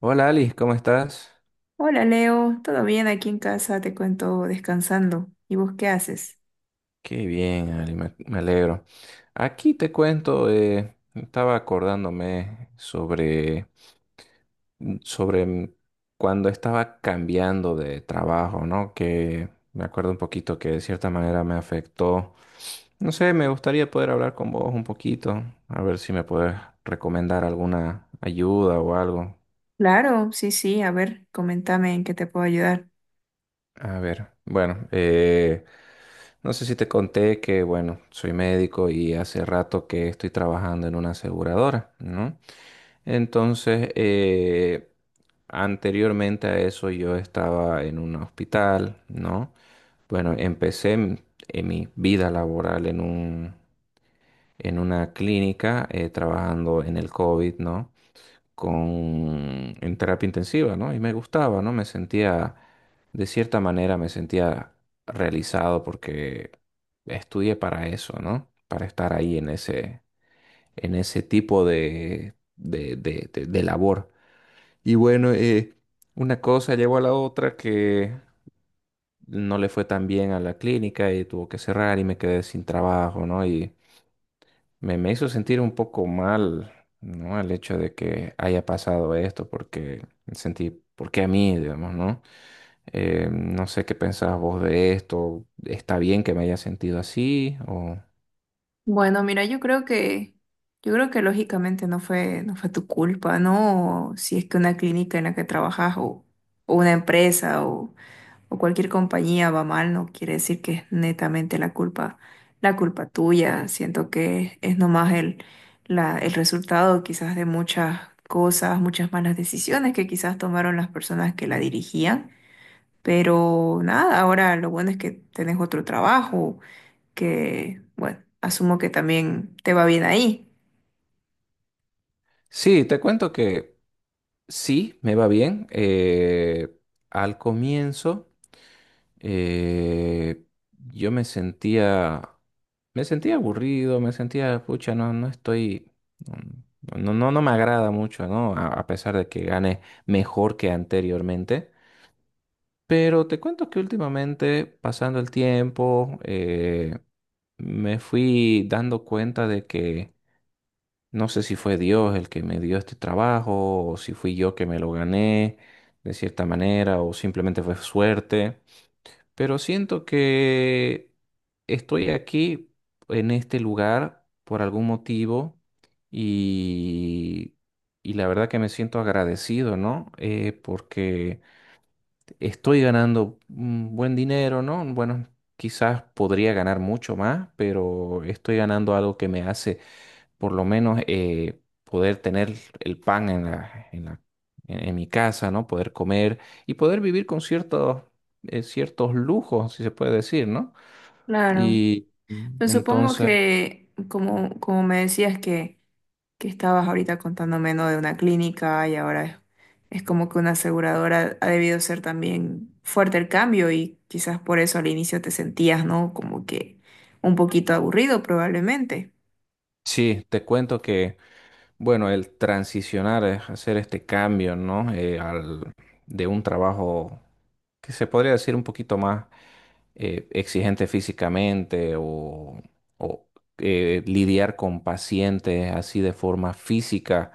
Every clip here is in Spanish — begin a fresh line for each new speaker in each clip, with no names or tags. Hola Ali, ¿cómo estás?
Hola Leo, ¿todo bien aquí en casa? Te cuento descansando. ¿Y vos qué haces?
Qué bien, Ali, me alegro. Aquí te cuento, estaba acordándome sobre, sobre cuando estaba cambiando de trabajo, ¿no? Que me acuerdo un poquito que de cierta manera me afectó. No sé, me gustaría poder hablar con vos un poquito, a ver si me puedes recomendar alguna ayuda o algo.
Claro, sí, sí, a ver, comentame en qué te puedo ayudar.
A ver, bueno, no sé si te conté que, bueno, soy médico y hace rato que estoy trabajando en una aseguradora, ¿no? Entonces, anteriormente a eso yo estaba en un hospital, ¿no? Bueno, empecé en mi vida laboral en un, en una clínica, trabajando en el COVID, ¿no? Con, en terapia intensiva, ¿no? Y me gustaba, ¿no? Me sentía, de cierta manera, me sentía realizado porque estudié para eso, ¿no? Para estar ahí en ese tipo de labor. Y bueno, una cosa llevó a la otra que no le fue tan bien a la clínica y tuvo que cerrar y me quedé sin trabajo, ¿no? Me hizo sentir un poco mal, ¿no? El hecho de que haya pasado esto, porque sentí, ¿por qué a mí, digamos, ¿no? No sé qué pensás vos de esto. ¿Está bien que me haya sentido así? O...
Bueno, mira, yo creo que lógicamente no fue tu culpa, ¿no? Si es que una clínica en la que trabajas o una empresa o cualquier compañía va mal, no quiere decir que es netamente la culpa tuya. Siento que es nomás el resultado quizás de muchas cosas, muchas malas decisiones que quizás tomaron las personas que la dirigían. Pero nada, ahora lo bueno es que tenés otro trabajo, que bueno, asumo que también te va bien ahí.
Sí, te cuento que sí, me va bien. Al comienzo, eh, yo me sentía. Me sentía aburrido, me sentía, pucha, no estoy, no me agrada mucho, ¿no? A pesar de que gane mejor que anteriormente. Pero te cuento que últimamente, pasando el tiempo, me fui dando cuenta de que no sé si fue Dios el que me dio este trabajo, o si fui yo que me lo gané de cierta manera, o simplemente fue suerte. Pero siento que estoy aquí en este lugar por algún motivo y, y la verdad que me siento agradecido, ¿no? Porque estoy ganando un buen dinero, ¿no? Bueno, quizás podría ganar mucho más, pero estoy ganando algo que me hace por lo menos poder tener el pan en la, en mi casa, ¿no? Poder comer y poder vivir con ciertos, ciertos lujos, si se puede decir, ¿no?
Claro.
Y
Pues supongo
entonces,
que, como, como me decías que estabas ahorita contándome, ¿no? De una clínica y ahora es como que una aseguradora ha debido ser también fuerte el cambio y quizás por eso al inicio te sentías, ¿no? Como que un poquito aburrido probablemente.
sí, te cuento que, bueno, el transicionar, hacer este cambio, ¿no? De un trabajo que se podría decir un poquito más exigente físicamente o... O, lidiar con pacientes así de forma física,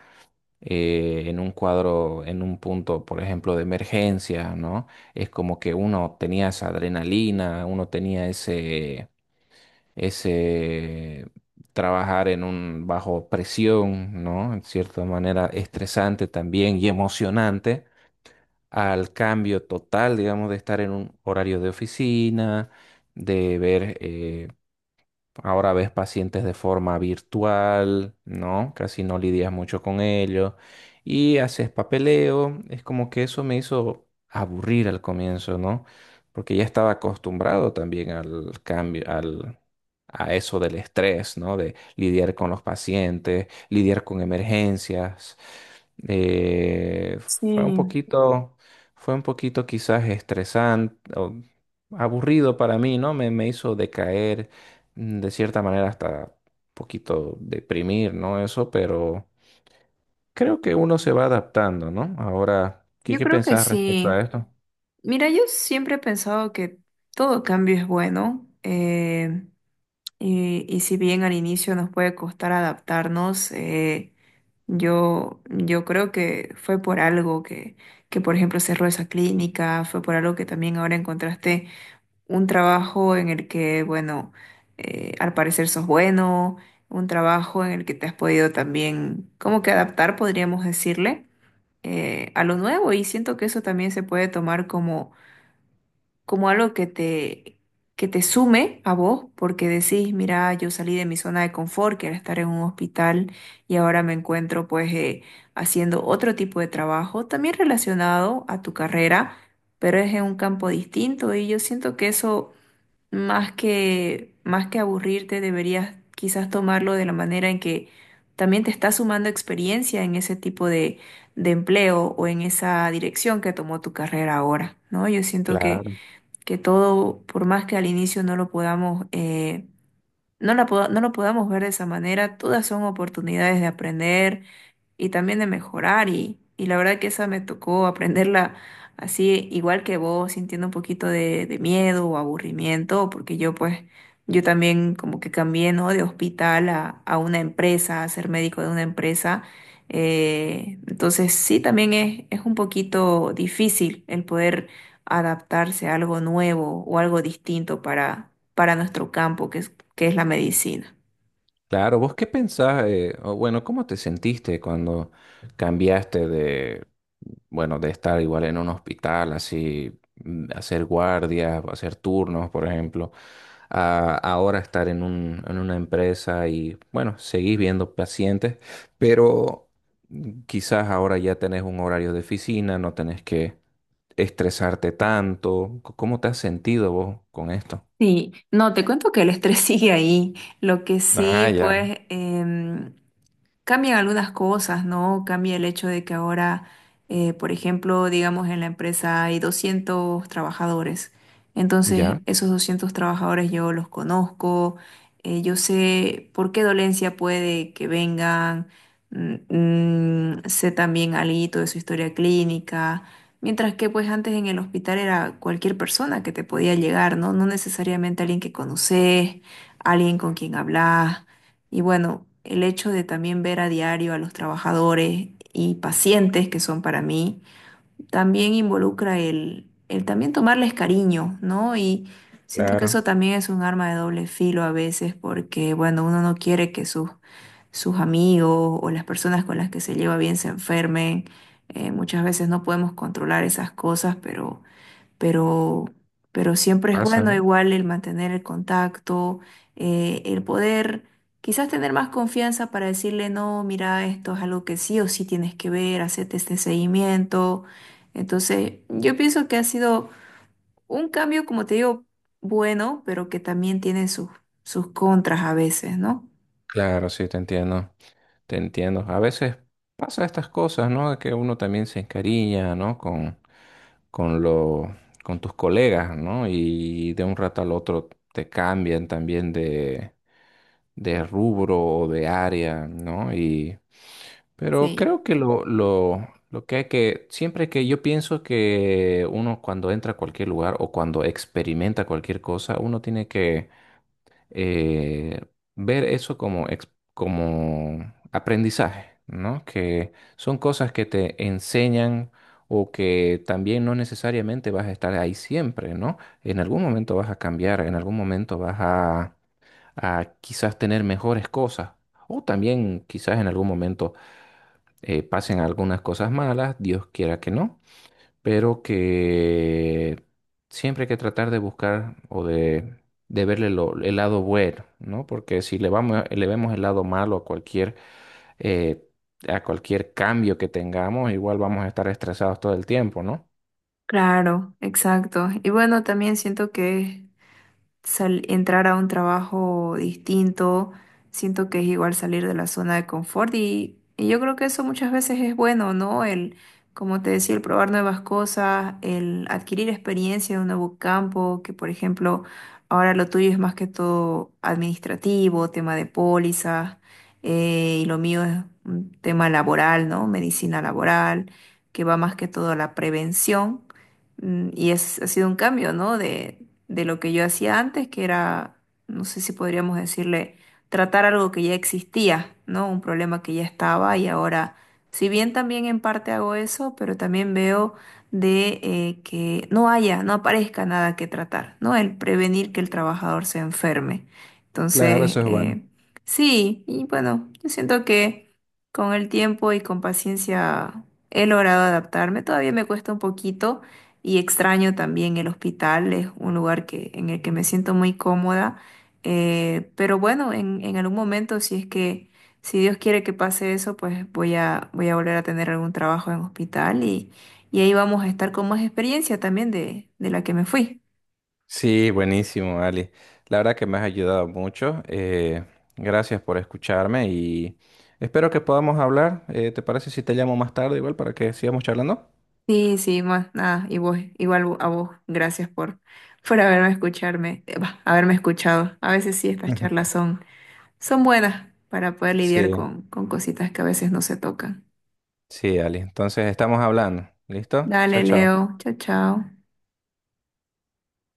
en un cuadro, en un punto, por ejemplo, de emergencia, ¿no? Es como que uno tenía esa adrenalina, uno tenía ese, ese trabajar en un bajo presión, ¿no? En cierta manera estresante también y emocionante, al cambio total, digamos, de estar en un horario de oficina, de ver ahora ves pacientes de forma virtual, ¿no? Casi no lidias mucho con ellos y haces papeleo. Es como que eso me hizo aburrir al comienzo, ¿no? Porque ya estaba acostumbrado también al cambio, al, a eso del estrés, ¿no? De lidiar con los pacientes, lidiar con emergencias. Eh, fue un
Sí,
poquito, fue un poquito quizás estresante o aburrido para mí, ¿no? Me hizo decaer de cierta manera hasta un poquito deprimir, ¿no? Eso, pero creo que uno se va adaptando, ¿no? Ahora, ¿qué,
yo
qué
creo que
pensás respecto a
sí.
esto?
Mira, yo siempre he pensado que todo cambio es bueno. Y si bien al inicio nos puede costar adaptarnos, yo creo que fue por algo que, por ejemplo, cerró esa clínica, fue por algo que también ahora encontraste un trabajo en el que, bueno, al parecer sos bueno, un trabajo en el que te has podido también, como que adaptar, podríamos decirle, a lo nuevo y siento que eso también se puede tomar como como algo que te sume a vos, porque decís, mira, yo salí de mi zona de confort, que era estar en un hospital, y ahora me encuentro pues haciendo otro tipo de trabajo, también relacionado a tu carrera, pero es en un campo distinto, y yo siento que eso, más que aburrirte, deberías quizás tomarlo de la manera en que también te está sumando experiencia en ese tipo de empleo o en esa dirección que tomó tu carrera ahora, ¿no? Yo siento que
Claro.
que todo, por más que al inicio no lo podamos, no lo podamos ver de esa manera, todas son oportunidades de aprender y también de mejorar y la verdad que esa me tocó aprenderla así igual que vos, sintiendo un poquito de miedo o aburrimiento, porque yo también como que cambié, ¿no? De hospital a una empresa, a ser médico de una empresa. Entonces sí, también es un poquito difícil el poder adaptarse a algo nuevo o algo distinto para nuestro campo, que es la medicina.
Claro, ¿vos qué pensás? O bueno, ¿cómo te sentiste cuando cambiaste de, bueno, de estar igual en un hospital, así, hacer guardias, hacer turnos, por ejemplo, a ahora estar en un, en una empresa y, bueno, seguís viendo pacientes, pero quizás ahora ya tenés un horario de oficina, no tenés que estresarte tanto. ¿Cómo te has sentido vos con esto?
Sí, no, te cuento que el estrés sigue ahí. Lo que
Ah,
sí,
ya.
pues, cambian algunas cosas, ¿no? Cambia el hecho de que ahora, por ejemplo, digamos en la empresa hay 200 trabajadores. Entonces,
Ya,
esos 200 trabajadores yo los conozco, yo sé por qué dolencia puede que vengan, mm, sé también algo de su historia clínica. Mientras que pues antes en el hospital era cualquier persona que te podía llegar, ¿no? No necesariamente alguien que conoces, alguien con quien hablas. Y bueno, el hecho de también ver a diario a los trabajadores y pacientes que son para mí también involucra el también tomarles cariño, ¿no? Y siento que
claro,
eso también es un arma de doble filo a veces porque, bueno, uno no quiere que sus amigos o las personas con las que se lleva bien se enfermen. Muchas veces no podemos controlar esas cosas, pero, pero siempre es
pasa,
bueno
¿no?
igual el mantener el contacto, el poder quizás tener más confianza para decirle, no, mira, esto es algo que sí o sí tienes que ver, hacerte este seguimiento. Entonces, yo pienso que ha sido un cambio, como te digo, bueno, pero que también tiene sus contras a veces, ¿no?
Claro, sí, te entiendo, te entiendo. A veces pasa estas cosas, ¿no? De que uno también se encariña, ¿no? Con lo, con tus colegas, ¿no? Y de un rato al otro te cambian también de rubro o de área, ¿no? Y, pero
Sí,
creo que lo que hay que, siempre que yo pienso que uno cuando entra a cualquier lugar o cuando experimenta cualquier cosa, uno tiene que eh, ver eso como, como aprendizaje, ¿no? Que son cosas que te enseñan o que también no necesariamente vas a estar ahí siempre, ¿no? En algún momento vas a cambiar, en algún momento vas a quizás tener mejores cosas. O también quizás en algún momento pasen algunas cosas malas, Dios quiera que no, pero que siempre hay que tratar de buscar o de verle el lado bueno, ¿no? Porque si le vamos, le vemos el lado malo eh, a cualquier cambio que tengamos, igual vamos a estar estresados todo el tiempo, ¿no?
claro, exacto. Y bueno, también siento que es entrar a un trabajo distinto, siento que es igual salir de la zona de confort y yo creo que eso muchas veces es bueno, ¿no? El, como te decía, el probar nuevas cosas, el adquirir experiencia en un nuevo campo, que por ejemplo, ahora lo tuyo es más que todo administrativo, tema de pólizas, y lo mío es un tema laboral, ¿no? Medicina laboral, que va más que todo a la prevención. Mm, y es, ha sido un cambio, ¿no? De lo que yo hacía antes, que era, no sé si podríamos decirle, tratar algo que ya existía, ¿no? Un problema que ya estaba y ahora, si bien también en parte hago eso, pero también veo de que no haya, no aparezca nada que tratar, ¿no? El prevenir que el trabajador se enferme.
Claro,
Entonces,
eso es bueno.
sí, y bueno, yo siento que con el tiempo y con paciencia he logrado adaptarme. Todavía me cuesta un poquito y extraño también el hospital, es un lugar que, en el que me siento muy cómoda. Pero bueno, en algún momento, si es que, si Dios quiere que pase eso, pues voy a volver a tener algún trabajo en hospital y ahí vamos a estar con más experiencia también de la que me fui.
Sí, buenísimo, Ali. La verdad que me has ayudado mucho. Gracias por escucharme y espero que podamos hablar. ¿Te parece si te llamo más tarde igual para que sigamos charlando?
Sí, sí, más nada, y vos, igual a vos, gracias por haberme escucharme, bah, haberme escuchado. A veces sí, estas charlas son, son buenas para poder
Sí,
lidiar con cositas que a veces no se tocan.
sí, Ali. Entonces estamos hablando. ¿Listo? Chao,
Dale,
chao.
Leo. Chao, chao.